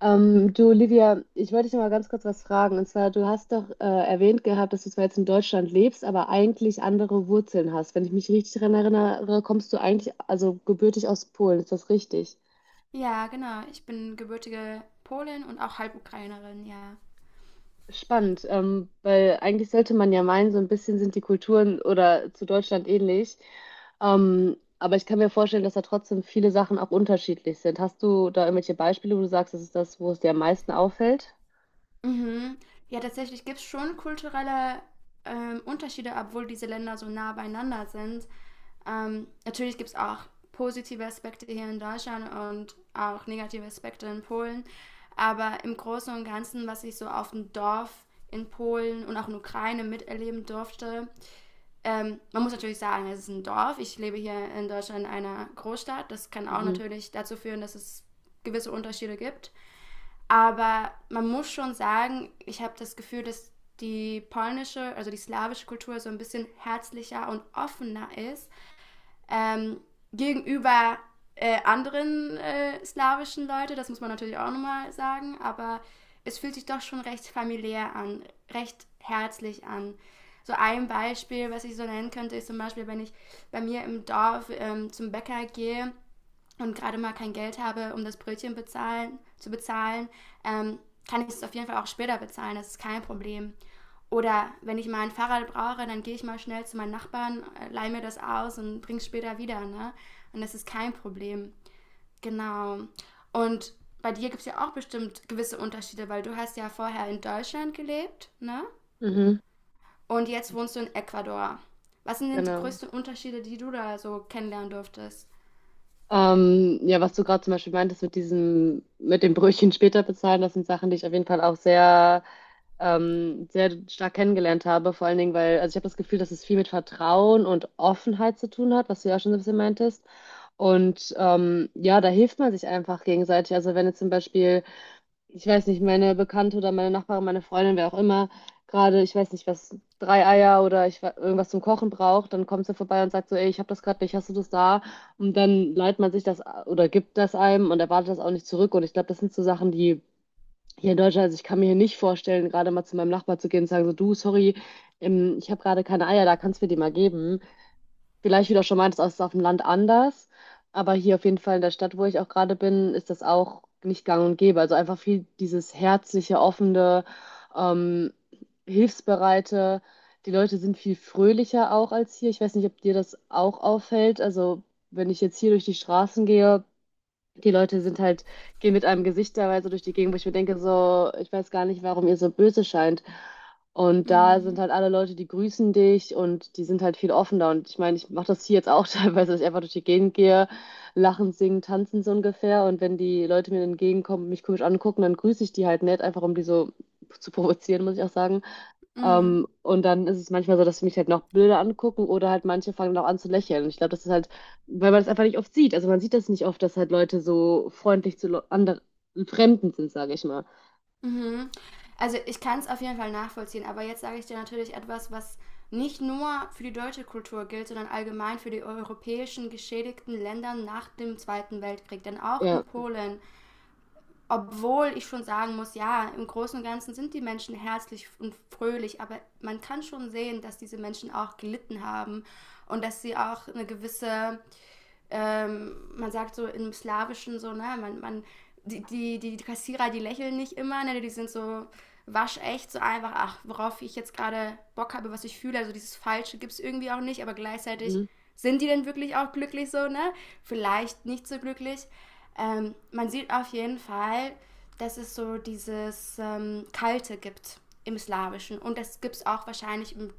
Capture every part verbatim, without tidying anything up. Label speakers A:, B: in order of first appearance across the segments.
A: Ähm, du, Olivia, ich wollte dich noch mal ganz kurz was fragen. Und zwar, du hast doch äh, erwähnt gehabt, dass du zwar jetzt in Deutschland lebst, aber eigentlich andere Wurzeln hast. Wenn ich mich richtig daran erinnere, kommst du eigentlich, also gebürtig aus Polen. Ist das richtig?
B: Ja, genau. Ich bin gebürtige Polin und auch Halbukrainerin, ja.
A: Spannend, ähm, weil eigentlich sollte man ja meinen, so ein bisschen sind die Kulturen oder zu Deutschland ähnlich. Ähm, aber ich kann mir vorstellen, dass da trotzdem viele Sachen auch unterschiedlich sind. Hast du da irgendwelche Beispiele, wo du sagst, das ist das, wo es dir am meisten auffällt?
B: Mhm. Ja, tatsächlich gibt es schon kulturelle ähm, Unterschiede, obwohl diese Länder so nah beieinander sind. Ähm, natürlich gibt es auch positive Aspekte hier in Deutschland und auch negative Aspekte in Polen. Aber im Großen und Ganzen, was ich so auf dem Dorf in Polen und auch in Ukraine miterleben durfte, Ähm, man muss natürlich sagen, es ist ein Dorf. Ich lebe hier in Deutschland in einer Großstadt. Das kann auch
A: Mhm.
B: natürlich dazu führen, dass es gewisse Unterschiede gibt. Aber man muss schon sagen, ich habe das Gefühl, dass die polnische, also die slawische Kultur so ein bisschen herzlicher und offener ist ähm, gegenüber äh, anderen äh, slawischen Leute, das muss man natürlich auch nochmal sagen, aber es fühlt sich doch schon recht familiär an, recht herzlich an. So ein Beispiel, was ich so nennen könnte, ist zum Beispiel, wenn ich bei mir im Dorf ähm, zum Bäcker gehe und gerade mal kein Geld habe, um das Brötchen bezahlen, zu bezahlen, ähm, kann ich es auf jeden Fall auch später bezahlen, das ist kein Problem. Oder wenn ich mal ein Fahrrad brauche, dann gehe ich mal schnell zu meinen Nachbarn, äh, leihe mir das aus und bringe es später wieder. Ne? Und das ist kein Problem. Genau. Und bei dir gibt es ja auch bestimmt gewisse Unterschiede, weil du hast ja vorher in Deutschland gelebt, ne?
A: Mhm.
B: Und jetzt wohnst du
A: Richtig.
B: in Ecuador. Was sind denn die
A: Genau.
B: größten Unterschiede, die du da so kennenlernen durftest?
A: Ähm, ja, was du gerade zum Beispiel meintest mit diesem, mit dem Brötchen später bezahlen, das sind Sachen, die ich auf jeden Fall auch sehr, ähm, sehr stark kennengelernt habe. Vor allen Dingen, weil, also ich habe das Gefühl, dass es viel mit Vertrauen und Offenheit zu tun hat, was du ja auch schon so ein bisschen meintest. Und ähm, ja, da hilft man sich einfach gegenseitig. Also wenn jetzt zum Beispiel ich weiß nicht, meine Bekannte oder meine Nachbarin, meine Freundin, wer auch immer, gerade, ich weiß nicht, was, drei Eier oder ich, we- irgendwas zum Kochen braucht, dann kommt sie vorbei und sagt so, ey, ich habe das gerade nicht, hast du das da? Und dann leiht man sich das a- oder gibt das einem und erwartet das auch nicht zurück. Und ich glaube, das sind so Sachen, die hier in Deutschland, also ich kann mir hier nicht vorstellen, gerade mal zu meinem Nachbar zu gehen und sagen so, du, sorry, ähm, ich habe gerade keine Eier, da kannst du mir die mal geben. Vielleicht, wie du auch schon meintest, ist es auf dem Land anders, aber hier auf jeden Fall in der Stadt, wo ich auch gerade bin, ist das auch nicht gang und gäbe. Also einfach viel dieses herzliche, offene, ähm, hilfsbereite. Die Leute sind viel fröhlicher auch als hier. Ich weiß nicht, ob dir das auch auffällt. Also wenn ich jetzt hier durch die Straßen gehe, die Leute sind halt, gehen mit einem Gesicht teilweise durch die Gegend, wo ich mir denke, so, ich weiß gar nicht, warum ihr so böse scheint. Und da sind
B: Mm.
A: halt alle Leute, die grüßen dich und die sind halt viel offener. Und ich meine, ich mache das hier jetzt auch teilweise, dass ich einfach durch die Gegend gehe, lachen, singen, tanzen so ungefähr. Und wenn die Leute mir entgegenkommen und mich komisch angucken, dann grüße ich die halt nett, einfach um die so zu provozieren, muss ich auch sagen.
B: Mm.
A: Ähm, und dann ist es manchmal so, dass sie mich halt noch Bilder angucken oder halt manche fangen dann auch an zu lächeln. Und ich glaube, das ist halt, weil man das einfach nicht oft sieht. Also man sieht das nicht oft, dass halt Leute so freundlich zu anderen Fremden sind, sage ich mal.
B: Mhm. Also ich kann es auf jeden Fall nachvollziehen, aber jetzt sage ich dir natürlich etwas, was nicht nur für die deutsche Kultur gilt, sondern allgemein für die europäischen geschädigten Länder nach dem Zweiten Weltkrieg. Denn auch
A: Ja.
B: in Polen, obwohl ich schon sagen muss, ja, im Großen und Ganzen sind die Menschen herzlich und fröhlich, aber man kann schon sehen, dass diese Menschen auch gelitten haben und dass sie auch eine gewisse ähm, man sagt so im Slawischen so, ne, man, man, die, die, die Kassierer, die lächeln nicht immer, ne, die sind so waschecht, so einfach, ach, worauf ich jetzt gerade Bock habe, was ich fühle, also dieses Falsche gibt es irgendwie auch nicht, aber gleichzeitig
A: Mhm.
B: sind die denn wirklich auch glücklich so, ne? Vielleicht nicht so glücklich. Ähm, man sieht auf jeden Fall, dass es so dieses ähm, Kalte gibt im Slawischen und das gibt es auch wahrscheinlich im,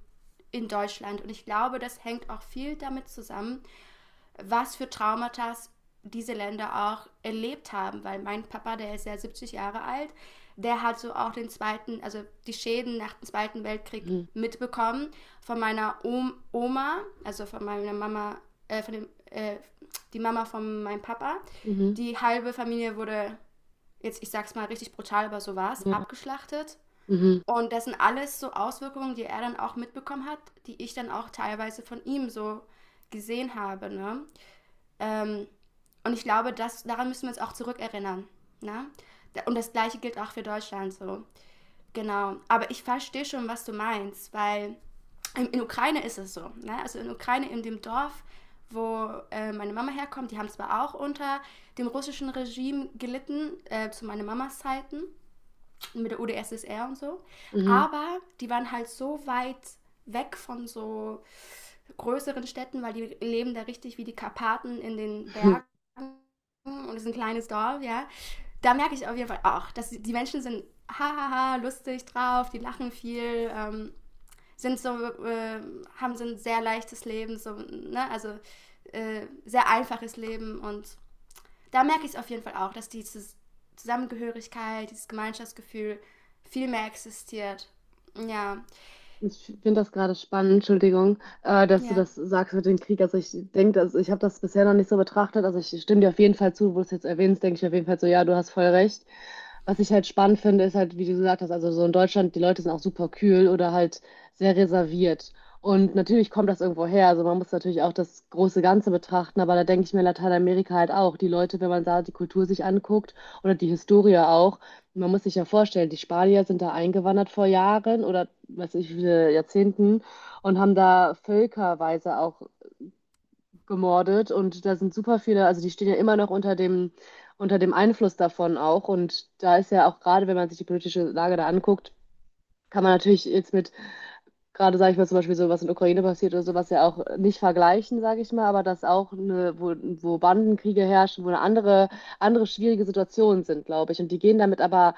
B: in Deutschland und ich glaube, das hängt auch viel damit zusammen, was für Traumata diese Länder auch erlebt haben, weil mein Papa, der ist ja siebzig Jahre alt, der hat so auch den zweiten, also die Schäden nach dem Zweiten Weltkrieg
A: Mhm.
B: mitbekommen von meiner Oma, also von meiner Mama, äh, von dem, äh, die Mama von meinem Papa.
A: Mhm.
B: Die halbe Familie wurde, jetzt ich sag's mal richtig brutal, aber so war's,
A: Ja.
B: abgeschlachtet.
A: Mhm.
B: Und das sind alles so Auswirkungen, die er dann auch mitbekommen hat, die ich dann auch teilweise von ihm so gesehen habe. Ne? Ähm, und ich glaube, das, daran müssen wir uns auch zurückerinnern. Ne? Und das Gleiche gilt auch für Deutschland so. Genau. Aber ich verstehe schon, was du meinst, weil in, in Ukraine ist es so. Ne? Also in Ukraine, in dem Dorf, wo äh, meine Mama herkommt, die haben zwar auch unter dem russischen Regime gelitten, äh, zu meiner Mamas Zeiten, mit der UdSSR und so,
A: Mhm.
B: aber die waren halt so weit weg von so größeren Städten, weil die leben da richtig wie die Karpaten in den Bergen und es ist ein kleines Dorf, ja. Da merke ich auf jeden Fall auch, dass die Menschen sind hahaha, lustig drauf, die lachen viel, ähm, sind so, äh, haben so ein sehr leichtes Leben, so, ne, also äh, sehr einfaches Leben und da merke ich es auf jeden Fall auch, dass diese Zusammengehörigkeit, dieses Gemeinschaftsgefühl viel mehr existiert. Ja,
A: Ich finde das gerade spannend, Entschuldigung, äh, dass du
B: ja.
A: das sagst mit dem Krieg. Also ich denke, also ich habe das bisher noch nicht so betrachtet. Also ich stimme dir auf jeden Fall zu, wo du es jetzt erwähnst, denke ich auf jeden Fall so, ja, du hast voll recht. Was ich halt spannend finde, ist halt, wie du gesagt hast, also so in Deutschland, die Leute sind auch super kühl oder halt sehr reserviert. Und natürlich kommt das irgendwo her. Also man muss natürlich auch das große Ganze betrachten, aber da denke ich mir in Lateinamerika halt auch, die Leute, wenn man da die Kultur sich anguckt oder die Historie auch, man muss sich ja vorstellen, die Spanier sind da eingewandert vor Jahren oder weiß ich, wie viele Jahrzehnten und haben da völkerweise auch gemordet und da sind super viele, also die stehen ja immer noch unter dem, unter dem Einfluss davon auch und da ist ja auch gerade, wenn man sich die politische Lage da anguckt, kann man natürlich jetzt mit gerade sage ich mal zum Beispiel so, was in der Ukraine passiert oder sowas ja auch nicht vergleichen, sage ich mal, aber dass auch eine, wo, wo Bandenkriege herrschen, wo eine andere, andere schwierige Situationen sind, glaube ich. Und die gehen damit aber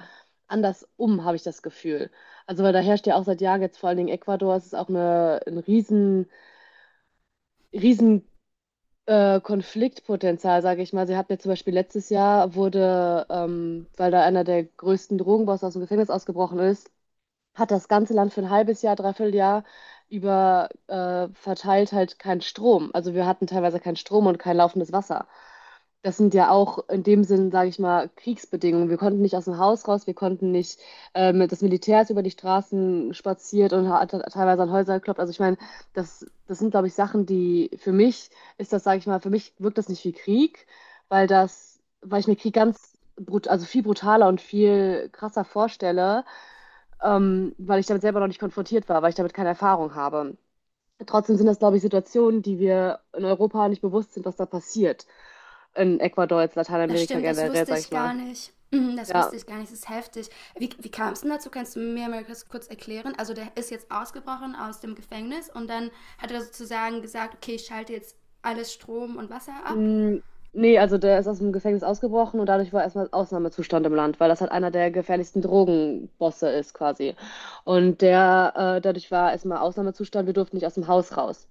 A: anders um, habe ich das Gefühl. Also weil da herrscht ja auch seit Jahren jetzt vor allen Dingen Ecuador, es ist auch eine, ein riesen, riesen äh, Konfliktpotenzial, sage ich mal. Sie hatten ja zum Beispiel letztes Jahr wurde, ähm, weil da einer der größten Drogenbosse aus dem Gefängnis ausgebrochen ist, hat das ganze Land für ein halbes Jahr, dreiviertel Jahr über äh, verteilt halt keinen Strom. Also wir hatten teilweise keinen Strom und kein laufendes Wasser. Das sind ja auch in dem Sinn, sage ich mal, Kriegsbedingungen. Wir konnten nicht aus dem Haus raus, wir konnten nicht, ähm, das Militär ist über die Straßen spaziert und hat teilweise an Häuser geklopft. Also ich meine, das, das sind, glaube ich, Sachen, die für mich ist das, sage ich mal, für mich wirkt das nicht wie Krieg, weil das, weil ich mir Krieg ganz brut, also viel brutaler und viel krasser vorstelle ähm, weil ich damit selber noch nicht konfrontiert war, weil ich damit keine Erfahrung habe. Trotzdem sind das, glaube ich, Situationen, die wir in Europa nicht bewusst sind, was da passiert. In Ecuador, jetzt
B: Das
A: Lateinamerika
B: stimmt, das
A: generell,
B: wusste
A: sag
B: ich
A: ich
B: gar
A: mal.
B: nicht. Mhm. Das
A: Ja.
B: wusste ich gar nicht, das ist heftig. Wie, wie kam es denn dazu? Kannst du mir mal kurz, kurz erklären? Also der ist jetzt ausgebrochen aus dem Gefängnis und dann hat er sozusagen gesagt, okay, ich schalte jetzt alles Strom und Wasser ab.
A: Mm, nee, also der ist aus dem Gefängnis ausgebrochen und dadurch war erstmal Ausnahmezustand im Land, weil das halt einer der gefährlichsten Drogenbosse ist quasi. Und der, äh, dadurch war erstmal Ausnahmezustand, wir durften nicht aus dem Haus raus.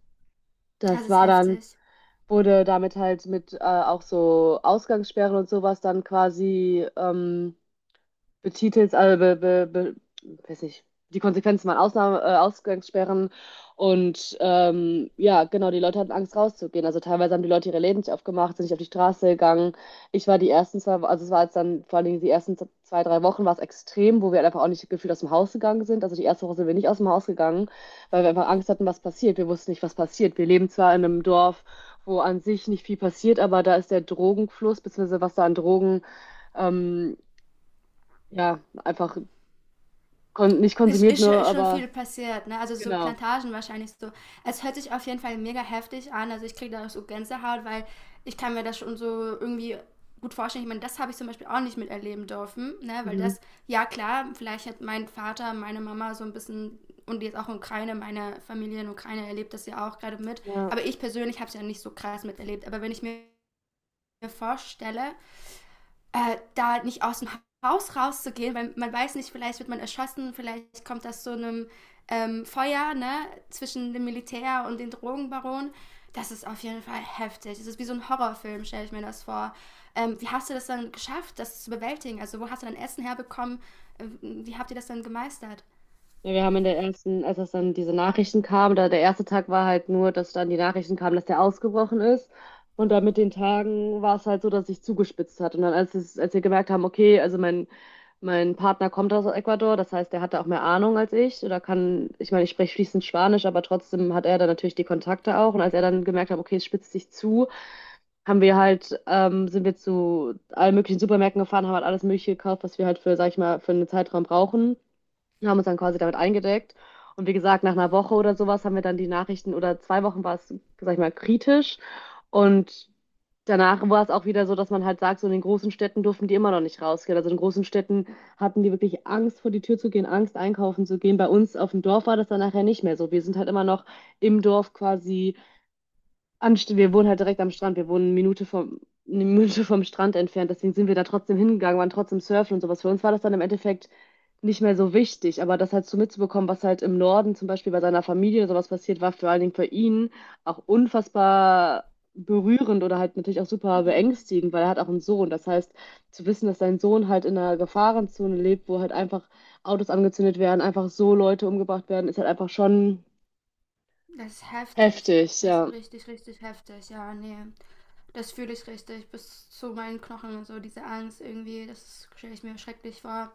B: Das
A: Das
B: ist
A: war dann
B: heftig.
A: wurde damit halt mit äh, auch so Ausgangssperren und sowas dann quasi ähm, betitelt also be, be, be, weiß nicht, die Konsequenzen waren Ausnahme, äh, Ausgangssperren und ähm, ja, genau, die Leute hatten Angst rauszugehen. Also teilweise haben die Leute ihre Läden nicht aufgemacht, sind nicht auf die Straße gegangen. Ich war die ersten zwei, also es war jetzt dann vor allen Dingen die ersten zwei, drei Wochen war es extrem, wo wir halt einfach auch nicht gefühlt aus dem Haus gegangen sind. Also die erste Woche sind wir nicht aus dem Haus gegangen, weil wir einfach Angst hatten, was passiert. Wir wussten nicht, was passiert. Wir leben zwar in einem Dorf, wo an sich nicht viel passiert, aber da ist der Drogenfluss, beziehungsweise was da an Drogen ähm, ja, einfach Kon nicht
B: Ist,
A: konsumiert,
B: ist, schon-
A: nur
B: ist schon
A: aber
B: viel passiert, ne? Also so
A: genau.
B: Plantagen wahrscheinlich so. Es hört sich auf jeden Fall mega heftig an. Also ich kriege da auch so Gänsehaut, weil ich kann mir das schon so irgendwie gut vorstellen. Ich meine, das habe ich zum Beispiel auch nicht miterleben dürfen, ne? Weil
A: Mhm.
B: das, ja klar, vielleicht hat mein Vater, meine Mama so ein bisschen und jetzt auch in Ukraine, meine Familie in Ukraine erlebt das ja auch gerade mit.
A: Ja.
B: Aber ich persönlich habe es ja nicht so krass miterlebt. Aber wenn ich mir vorstelle, äh, da nicht aus dem Haus rauszugehen, weil man weiß nicht, vielleicht wird man erschossen, vielleicht kommt das zu einem ähm, Feuer ne, zwischen dem Militär und den Drogenbaronen. Das ist auf jeden Fall heftig. Das ist wie so ein Horrorfilm, stelle ich mir das vor. Ähm, wie hast du das dann geschafft, das zu bewältigen? Also wo hast du dann Essen herbekommen? Ähm, Wie habt ihr das dann gemeistert?
A: Ja, wir haben in der ersten, als es dann diese Nachrichten kam, da der erste Tag war halt nur, dass dann die Nachrichten kamen, dass der ausgebrochen ist. Und dann mit den Tagen war es halt so, dass sich zugespitzt hat. Und dann, als es, als wir gemerkt haben, okay, also mein, mein Partner kommt aus Ecuador, das heißt, der hatte auch mehr Ahnung als ich. Oder kann, ich meine, ich spreche fließend Spanisch, aber trotzdem hat er dann natürlich die Kontakte auch. Und als er dann gemerkt hat, okay, es spitzt sich zu, haben wir halt, ähm, sind wir zu allen möglichen Supermärkten gefahren, haben halt alles Mögliche gekauft, was wir halt für, sag ich mal, für einen Zeitraum brauchen. Wir haben uns dann quasi damit eingedeckt. Und wie gesagt, nach einer Woche oder sowas haben wir dann die Nachrichten oder zwei Wochen war es, sag ich mal, kritisch. Und danach war es auch wieder so, dass man halt sagt, so in den großen Städten durften die immer noch nicht rausgehen. Also in großen Städten hatten die wirklich Angst, vor die Tür zu gehen, Angst, einkaufen zu gehen. Bei uns auf dem Dorf war das dann nachher nicht mehr so. Wir sind halt immer noch im Dorf quasi Anst wir wohnen halt direkt am Strand. Wir wohnen eine Minute vom, eine Minute vom Strand entfernt. Deswegen sind wir da trotzdem hingegangen, waren trotzdem surfen und sowas. Für uns war das dann im Endeffekt nicht mehr so wichtig. Aber das halt so mitzubekommen, was halt im Norden zum Beispiel bei seiner Familie oder sowas passiert, war vor allen Dingen für ihn auch unfassbar berührend oder halt natürlich auch super
B: Mhm.
A: beängstigend, weil er hat auch einen Sohn. Das heißt, zu wissen, dass sein Sohn halt in einer Gefahrenzone lebt, wo halt einfach Autos angezündet werden, einfach so Leute umgebracht werden, ist halt einfach schon
B: Das ist heftig.
A: heftig,
B: Das ist
A: ja.
B: richtig, richtig heftig. Ja, nee. Das fühle ich richtig bis zu meinen Knochen und so. Diese Angst irgendwie, das stelle ich mir schrecklich vor.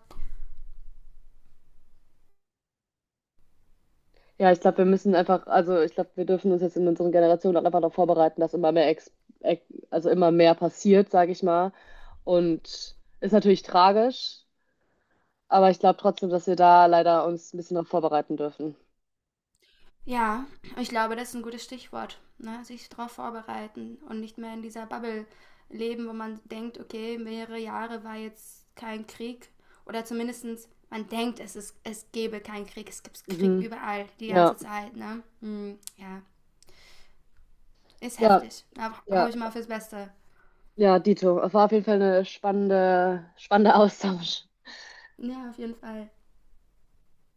A: Ja, ich glaube, wir müssen einfach, also ich glaube, wir dürfen uns jetzt in unseren Generationen auch einfach darauf vorbereiten, dass immer mehr Ex Ex also immer mehr passiert, sage ich mal. Und ist natürlich tragisch, aber ich glaube trotzdem, dass wir da leider uns ein bisschen noch vorbereiten dürfen.
B: Ja, ich glaube, das ist ein gutes Stichwort. Ne? Sich darauf vorbereiten und nicht mehr in dieser Bubble leben, wo man denkt, okay, mehrere Jahre war jetzt kein Krieg. Oder zumindestens man denkt, es, ist, es gäbe keinen Krieg. Es gibt Krieg
A: Mhm.
B: überall, die ganze
A: Ja,
B: Zeit. Ne? Hm, ja, ist
A: ja,
B: heftig. Aber hoffe
A: ja,
B: ich mal fürs Beste.
A: ja, Dito. War auf jeden Fall eine spannende, spannende Austausch.
B: Ja, auf jeden Fall.